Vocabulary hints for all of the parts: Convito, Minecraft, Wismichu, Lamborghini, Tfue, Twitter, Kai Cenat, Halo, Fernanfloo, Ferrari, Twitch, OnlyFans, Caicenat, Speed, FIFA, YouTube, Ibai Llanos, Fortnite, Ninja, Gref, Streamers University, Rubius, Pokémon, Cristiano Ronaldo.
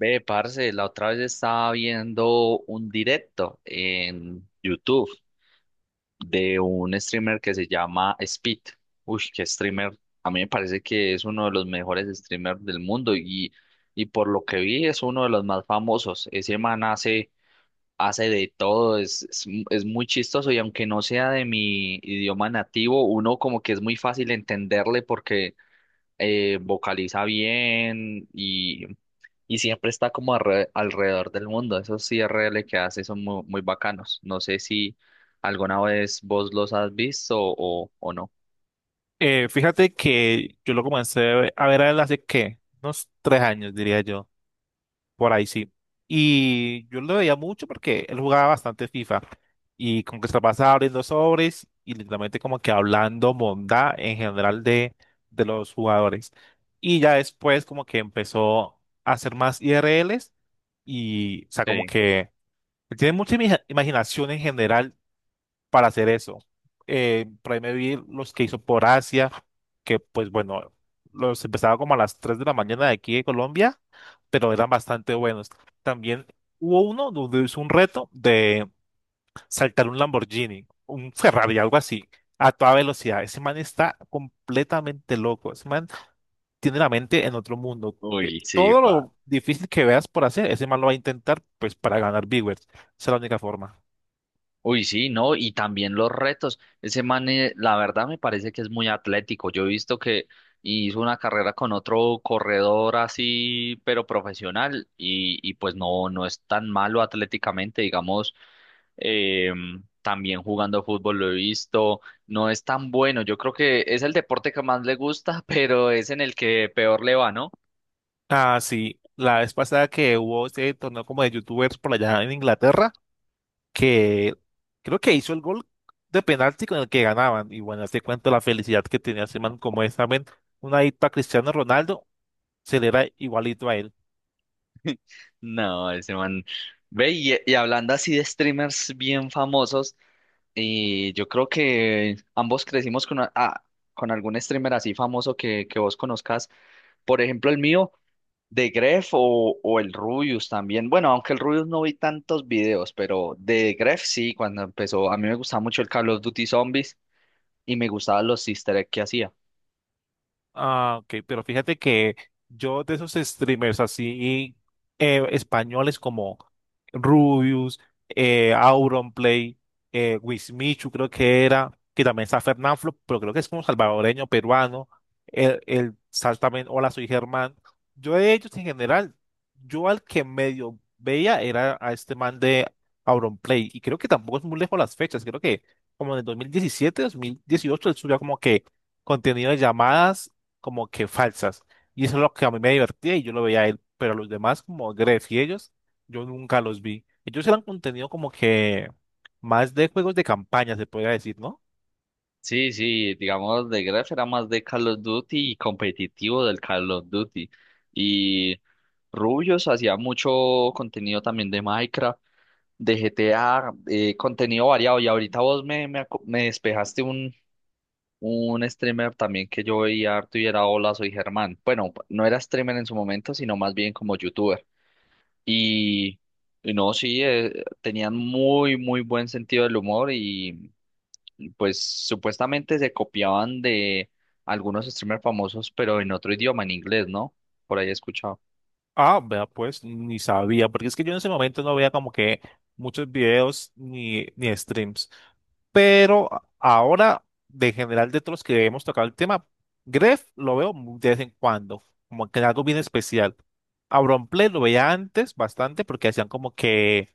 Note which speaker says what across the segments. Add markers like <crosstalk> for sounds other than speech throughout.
Speaker 1: Ve, parce, la otra vez estaba viendo un directo en YouTube de un streamer que se llama Speed. Uy, qué streamer. A mí me parece que es uno de los mejores streamers del mundo y por lo que vi es uno de los más famosos. Ese man hace de todo, es muy chistoso y aunque no sea de mi idioma nativo, uno como que es muy fácil entenderle porque vocaliza bien y siempre está como alrededor del mundo. Esos IRL que hace son muy, muy bacanos. No sé si alguna vez vos los has visto o no.
Speaker 2: Fíjate que yo lo comencé a ver a él hace que unos 3 años, diría yo, por ahí sí. Y yo lo veía mucho porque él jugaba bastante FIFA y como que se la pasaba abriendo sobres y literalmente como que hablando bondad en general de los jugadores. Y ya después como que empezó a hacer más IRLs y, o sea, como
Speaker 1: Sí.
Speaker 2: que tiene mucha imaginación en general para hacer eso. Por ahí me vi los que hizo por Asia, que pues bueno, los empezaba como a las 3 de la mañana de aquí de Colombia, pero eran bastante buenos. También hubo uno donde hizo un reto de saltar un Lamborghini, un Ferrari, algo así, a toda velocidad. Ese man está completamente loco. Ese man tiene la mente en otro mundo.
Speaker 1: Uy, sí,
Speaker 2: Todo
Speaker 1: va.
Speaker 2: lo difícil que veas por hacer, ese man lo va a intentar pues para ganar viewers. Esa es la única forma.
Speaker 1: Uy, sí, no, y también los retos. Ese man, la verdad me parece que es muy atlético. Yo he visto que hizo una carrera con otro corredor así, pero profesional, y pues no es tan malo atléticamente, digamos. También jugando fútbol lo he visto. No es tan bueno. Yo creo que es el deporte que más le gusta, <laughs> pero es en el que peor le va, ¿no?
Speaker 2: Ah, sí. La vez pasada que hubo este torneo como de youtubers por allá en Inglaterra, que creo que hizo el gol de penalti con el que ganaban. Y bueno, te cuento la felicidad que tenía ese man como esa man, una dipa Cristiano Ronaldo, se le era igualito a él.
Speaker 1: No, ese man. Ve, y hablando así de streamers bien famosos. Y yo creo que ambos crecimos con, con algún streamer así famoso que vos conozcas. Por ejemplo, el mío, de Gref o el Rubius también. Bueno, aunque el Rubius no vi tantos videos, pero de Gref sí, cuando empezó. A mí me gustaba mucho el Call of Duty Zombies y me gustaban los easter egg que hacía.
Speaker 2: Ah, ok, pero fíjate que yo de esos streamers así españoles como Rubius, Auronplay, Wismichu creo que era, que también está Fernanfloo, pero creo que es como salvadoreño, peruano, el Sal también, Hola, soy Germán. Yo de ellos en general, yo al que medio veía era a este man de Auronplay, y creo que tampoco es muy lejos las fechas, creo que como en el 2017, 2018, él subió como que contenido de llamadas como que falsas. Y eso es lo que a mí me divertía y yo lo veía a él, pero los demás como Gref y ellos, yo nunca los vi. Ellos eran contenido como que más de juegos de campaña, se podría decir, ¿no?
Speaker 1: Sí, sí, digamos, de Gref era más de Call of Duty y competitivo del Call of Duty. Y Rubius hacía mucho contenido también de Minecraft, de GTA, contenido variado. Y ahorita vos me despejaste un streamer también que yo veía harto y era Hola, soy Germán. Bueno, no era streamer en su momento, sino más bien como youtuber. Y y no, sí, tenían muy, muy buen sentido del humor y pues supuestamente se copiaban de algunos streamers famosos, pero en otro idioma, en inglés, ¿no? Por ahí he escuchado.
Speaker 2: Ah, vea, pues ni sabía, porque es que yo en ese momento no veía como que muchos videos ni streams. Pero ahora, de general, de todos los que hemos tocado el tema, Gref lo veo muy de vez en cuando, como que en algo bien especial. A Auronplay lo veía antes bastante porque hacían como que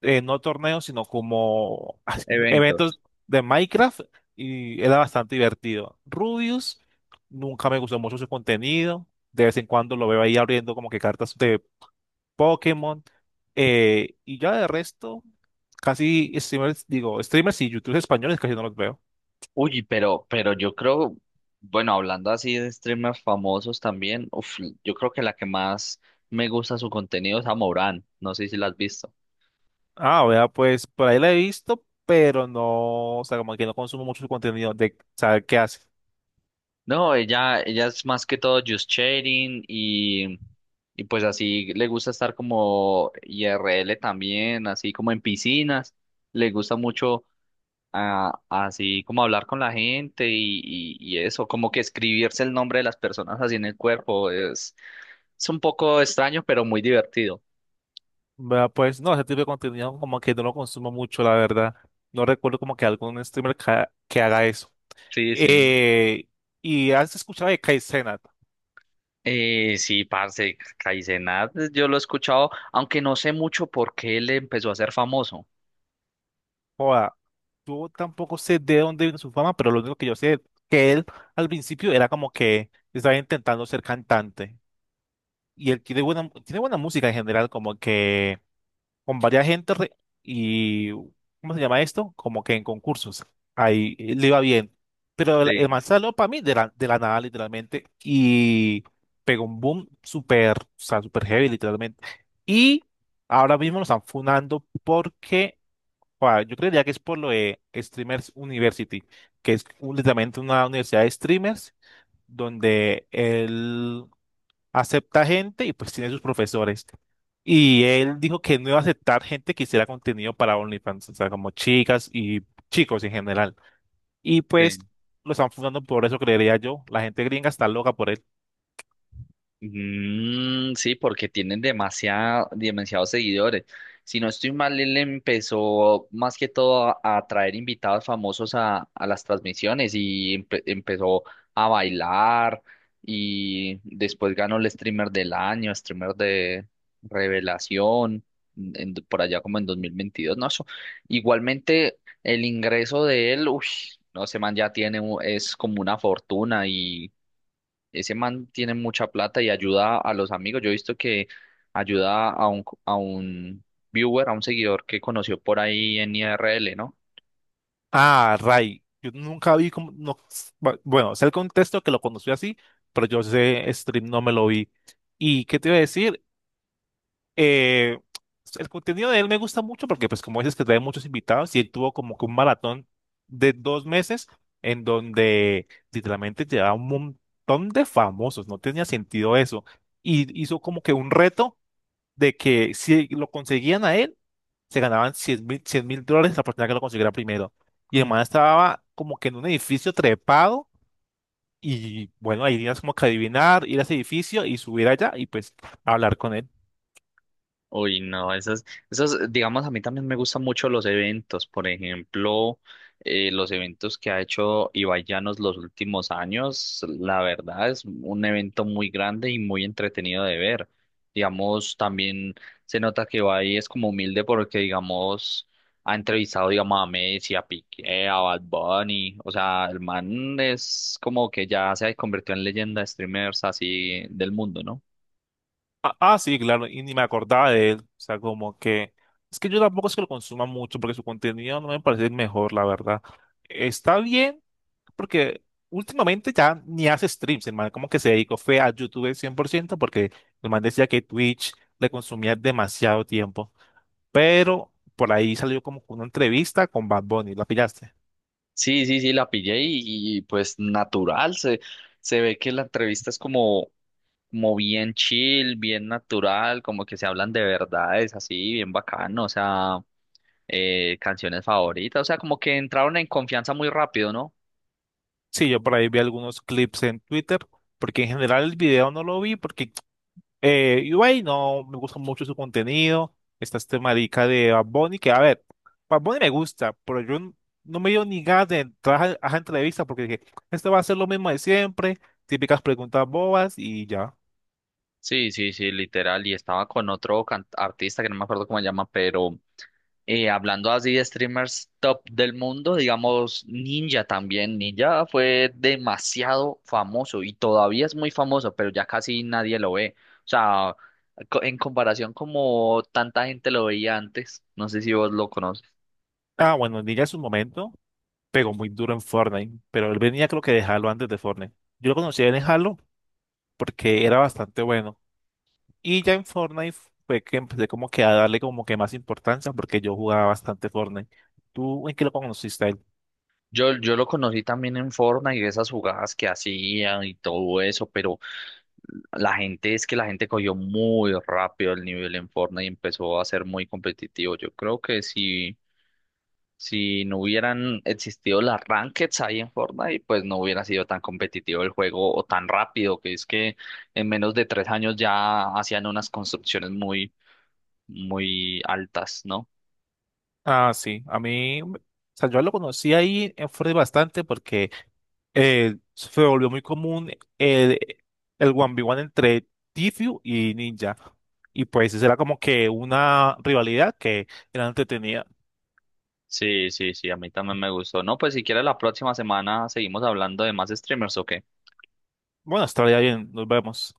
Speaker 2: no torneos, sino como <laughs>
Speaker 1: Eventos.
Speaker 2: eventos de Minecraft y era bastante divertido. Rubius, nunca me gustó mucho su contenido. De vez en cuando lo veo ahí abriendo como que cartas de Pokémon. Y ya de resto, casi streamers, digo, streamers y youtubers españoles casi no los veo.
Speaker 1: Uy, pero yo creo, bueno, hablando así de streamers famosos también, uf, yo creo que la que más me gusta su contenido es a, no sé si la has visto.
Speaker 2: Ah, vea, pues por ahí la he visto, pero no, o sea, como que no consumo mucho su contenido de saber qué hace.
Speaker 1: No, ella es más que todo just chatting y pues así le gusta estar como IRL también, así como en piscinas, le gusta mucho así como hablar con la gente y eso, como que escribirse el nombre de las personas así en el cuerpo es un poco extraño, pero muy divertido.
Speaker 2: Vea, pues no, ese tipo de contenido como que no lo consumo mucho, la verdad. No recuerdo como que algún streamer que, que haga eso.
Speaker 1: Sí, sí.
Speaker 2: Eh, y has escuchado de Kai Cenat.
Speaker 1: Sí, parce, Caicenat, yo lo he escuchado, aunque no sé mucho por qué él empezó a ser famoso.
Speaker 2: Joda, yo tampoco sé de dónde vino su fama, pero lo único que yo sé es que él al principio era como que estaba intentando ser cantante. Y él tiene buena música en general, como que con varias gente y, ¿cómo se llama esto? Como que en concursos. Ahí le iba bien. Pero el
Speaker 1: Sí,
Speaker 2: man salió para mí de la nada, literalmente, y pegó un boom súper, o sea, súper heavy, literalmente. Y ahora mismo lo están funando porque, o sea, yo creería que es por lo de Streamers University, que es literalmente una universidad de streamers donde él acepta gente y pues tiene sus profesores. Y él dijo que no iba a aceptar gente que hiciera contenido para OnlyFans, o sea, como chicas y chicos en general. Y pues
Speaker 1: sí.
Speaker 2: lo están fundando por eso, creería yo. La gente gringa está loca por él.
Speaker 1: Mm, sí, porque tienen demasiados seguidores. Si no estoy mal, él empezó más que todo a traer invitados famosos a las transmisiones y empezó a bailar y después ganó el streamer del año, streamer de revelación, por allá como en 2022, ¿no? Eso. Igualmente, el ingreso de él, uff, no, ese man ya tiene, es como una fortuna, ese man tiene mucha plata y ayuda a los amigos. Yo he visto que ayuda a a un viewer, a un seguidor que conoció por ahí en IRL, ¿no?
Speaker 2: Ah, Ray, yo nunca vi como, no, bueno, sé el contexto que lo conocí así, pero yo sé stream no me lo vi. ¿Y qué te iba a decir? eh, el contenido de él me gusta mucho porque, pues, como dices que trae muchos invitados y él tuvo como que un maratón de 2 meses en donde literalmente llevaba un montón de famosos, no tenía sentido eso. Y hizo como que un reto de que si lo conseguían a él, se ganaban 100.000, 100 mil dólares la persona que lo consiguiera primero. Y el man estaba como que en un edificio trepado y bueno, ahí tenías como que adivinar, ir a ese edificio y subir allá y pues hablar con él.
Speaker 1: Uy, no, esas, digamos, a mí también me gustan mucho los eventos, por ejemplo, los eventos que ha hecho Ibai Llanos los últimos años, la verdad es un evento muy grande y muy entretenido de ver. Digamos, también se nota que Ibai es como humilde porque, digamos, ha entrevistado, digamos, a Messi, a Piqué, a Bad Bunny, o sea, el man es como que ya se ha convertido en leyenda de streamers así del mundo, ¿no?
Speaker 2: Ah, ah, sí, claro, y ni me acordaba de él. O sea, como que. Es que yo tampoco es que lo consuma mucho porque su contenido no me parece el mejor, la verdad. Está bien, porque últimamente ya ni hace streams, el man como que se dedicó fue a YouTube 100% porque el man decía que Twitch le consumía demasiado tiempo. Pero por ahí salió como una entrevista con Bad Bunny, ¿la pillaste?
Speaker 1: Sí, sí, sí, la pillé pues natural, se ve que la entrevista es como, como bien chill, bien natural, como que se hablan de verdades, así, bien bacano, o sea, canciones favoritas, o sea, como que entraron en confianza muy rápido, ¿no?
Speaker 2: Sí, yo por ahí vi algunos clips en Twitter, porque en general el video no lo vi porque Ui no me gusta mucho su contenido. Está este marica de Bad Bunny, que a ver, Bad Bunny me gusta, pero no me dio ni ganas de entrar a esa entrevista porque dije, esto va a ser lo mismo de siempre, típicas preguntas bobas y ya.
Speaker 1: Sí, sí, sí, literal, y estaba con otro artista que no me acuerdo cómo se llama, pero hablando así de streamers top del mundo, digamos Ninja también. Ninja fue demasiado famoso y todavía es muy famoso, pero ya casi nadie lo ve. O sea, en comparación como tanta gente lo veía antes, no sé si vos lo conoces.
Speaker 2: Ah, bueno, Ninja en su momento pegó muy duro en Fortnite, pero él venía creo que de Halo antes de Fortnite. Yo lo conocí en Halo porque era bastante bueno. Y ya en Fortnite fue que empecé como que a darle como que más importancia porque yo jugaba bastante Fortnite. ¿Tú en qué lo conociste?
Speaker 1: Yo lo conocí también en Fortnite y esas jugadas que hacían y todo eso, pero la gente es que la gente cogió muy rápido el nivel en Fortnite y empezó a ser muy competitivo. Yo creo que sí. Si no hubieran existido las rankeds ahí en Fortnite, pues no hubiera sido tan competitivo el juego o tan rápido, que es que en menos de 3 años ya hacían unas construcciones muy, muy altas, ¿no?
Speaker 2: Ah, sí, a mí, o sea, yo lo conocí ahí en Fortnite bastante porque se volvió muy común el, el 1v1 entre Tfue y Ninja. Y pues eso era como que una rivalidad que era entretenida.
Speaker 1: Sí, sí, sí, a mí también me gustó. No, pues si quieres la próxima semana seguimos hablando de más streamers, ¿ok?
Speaker 2: Bueno, hasta ahora ya bien, nos vemos.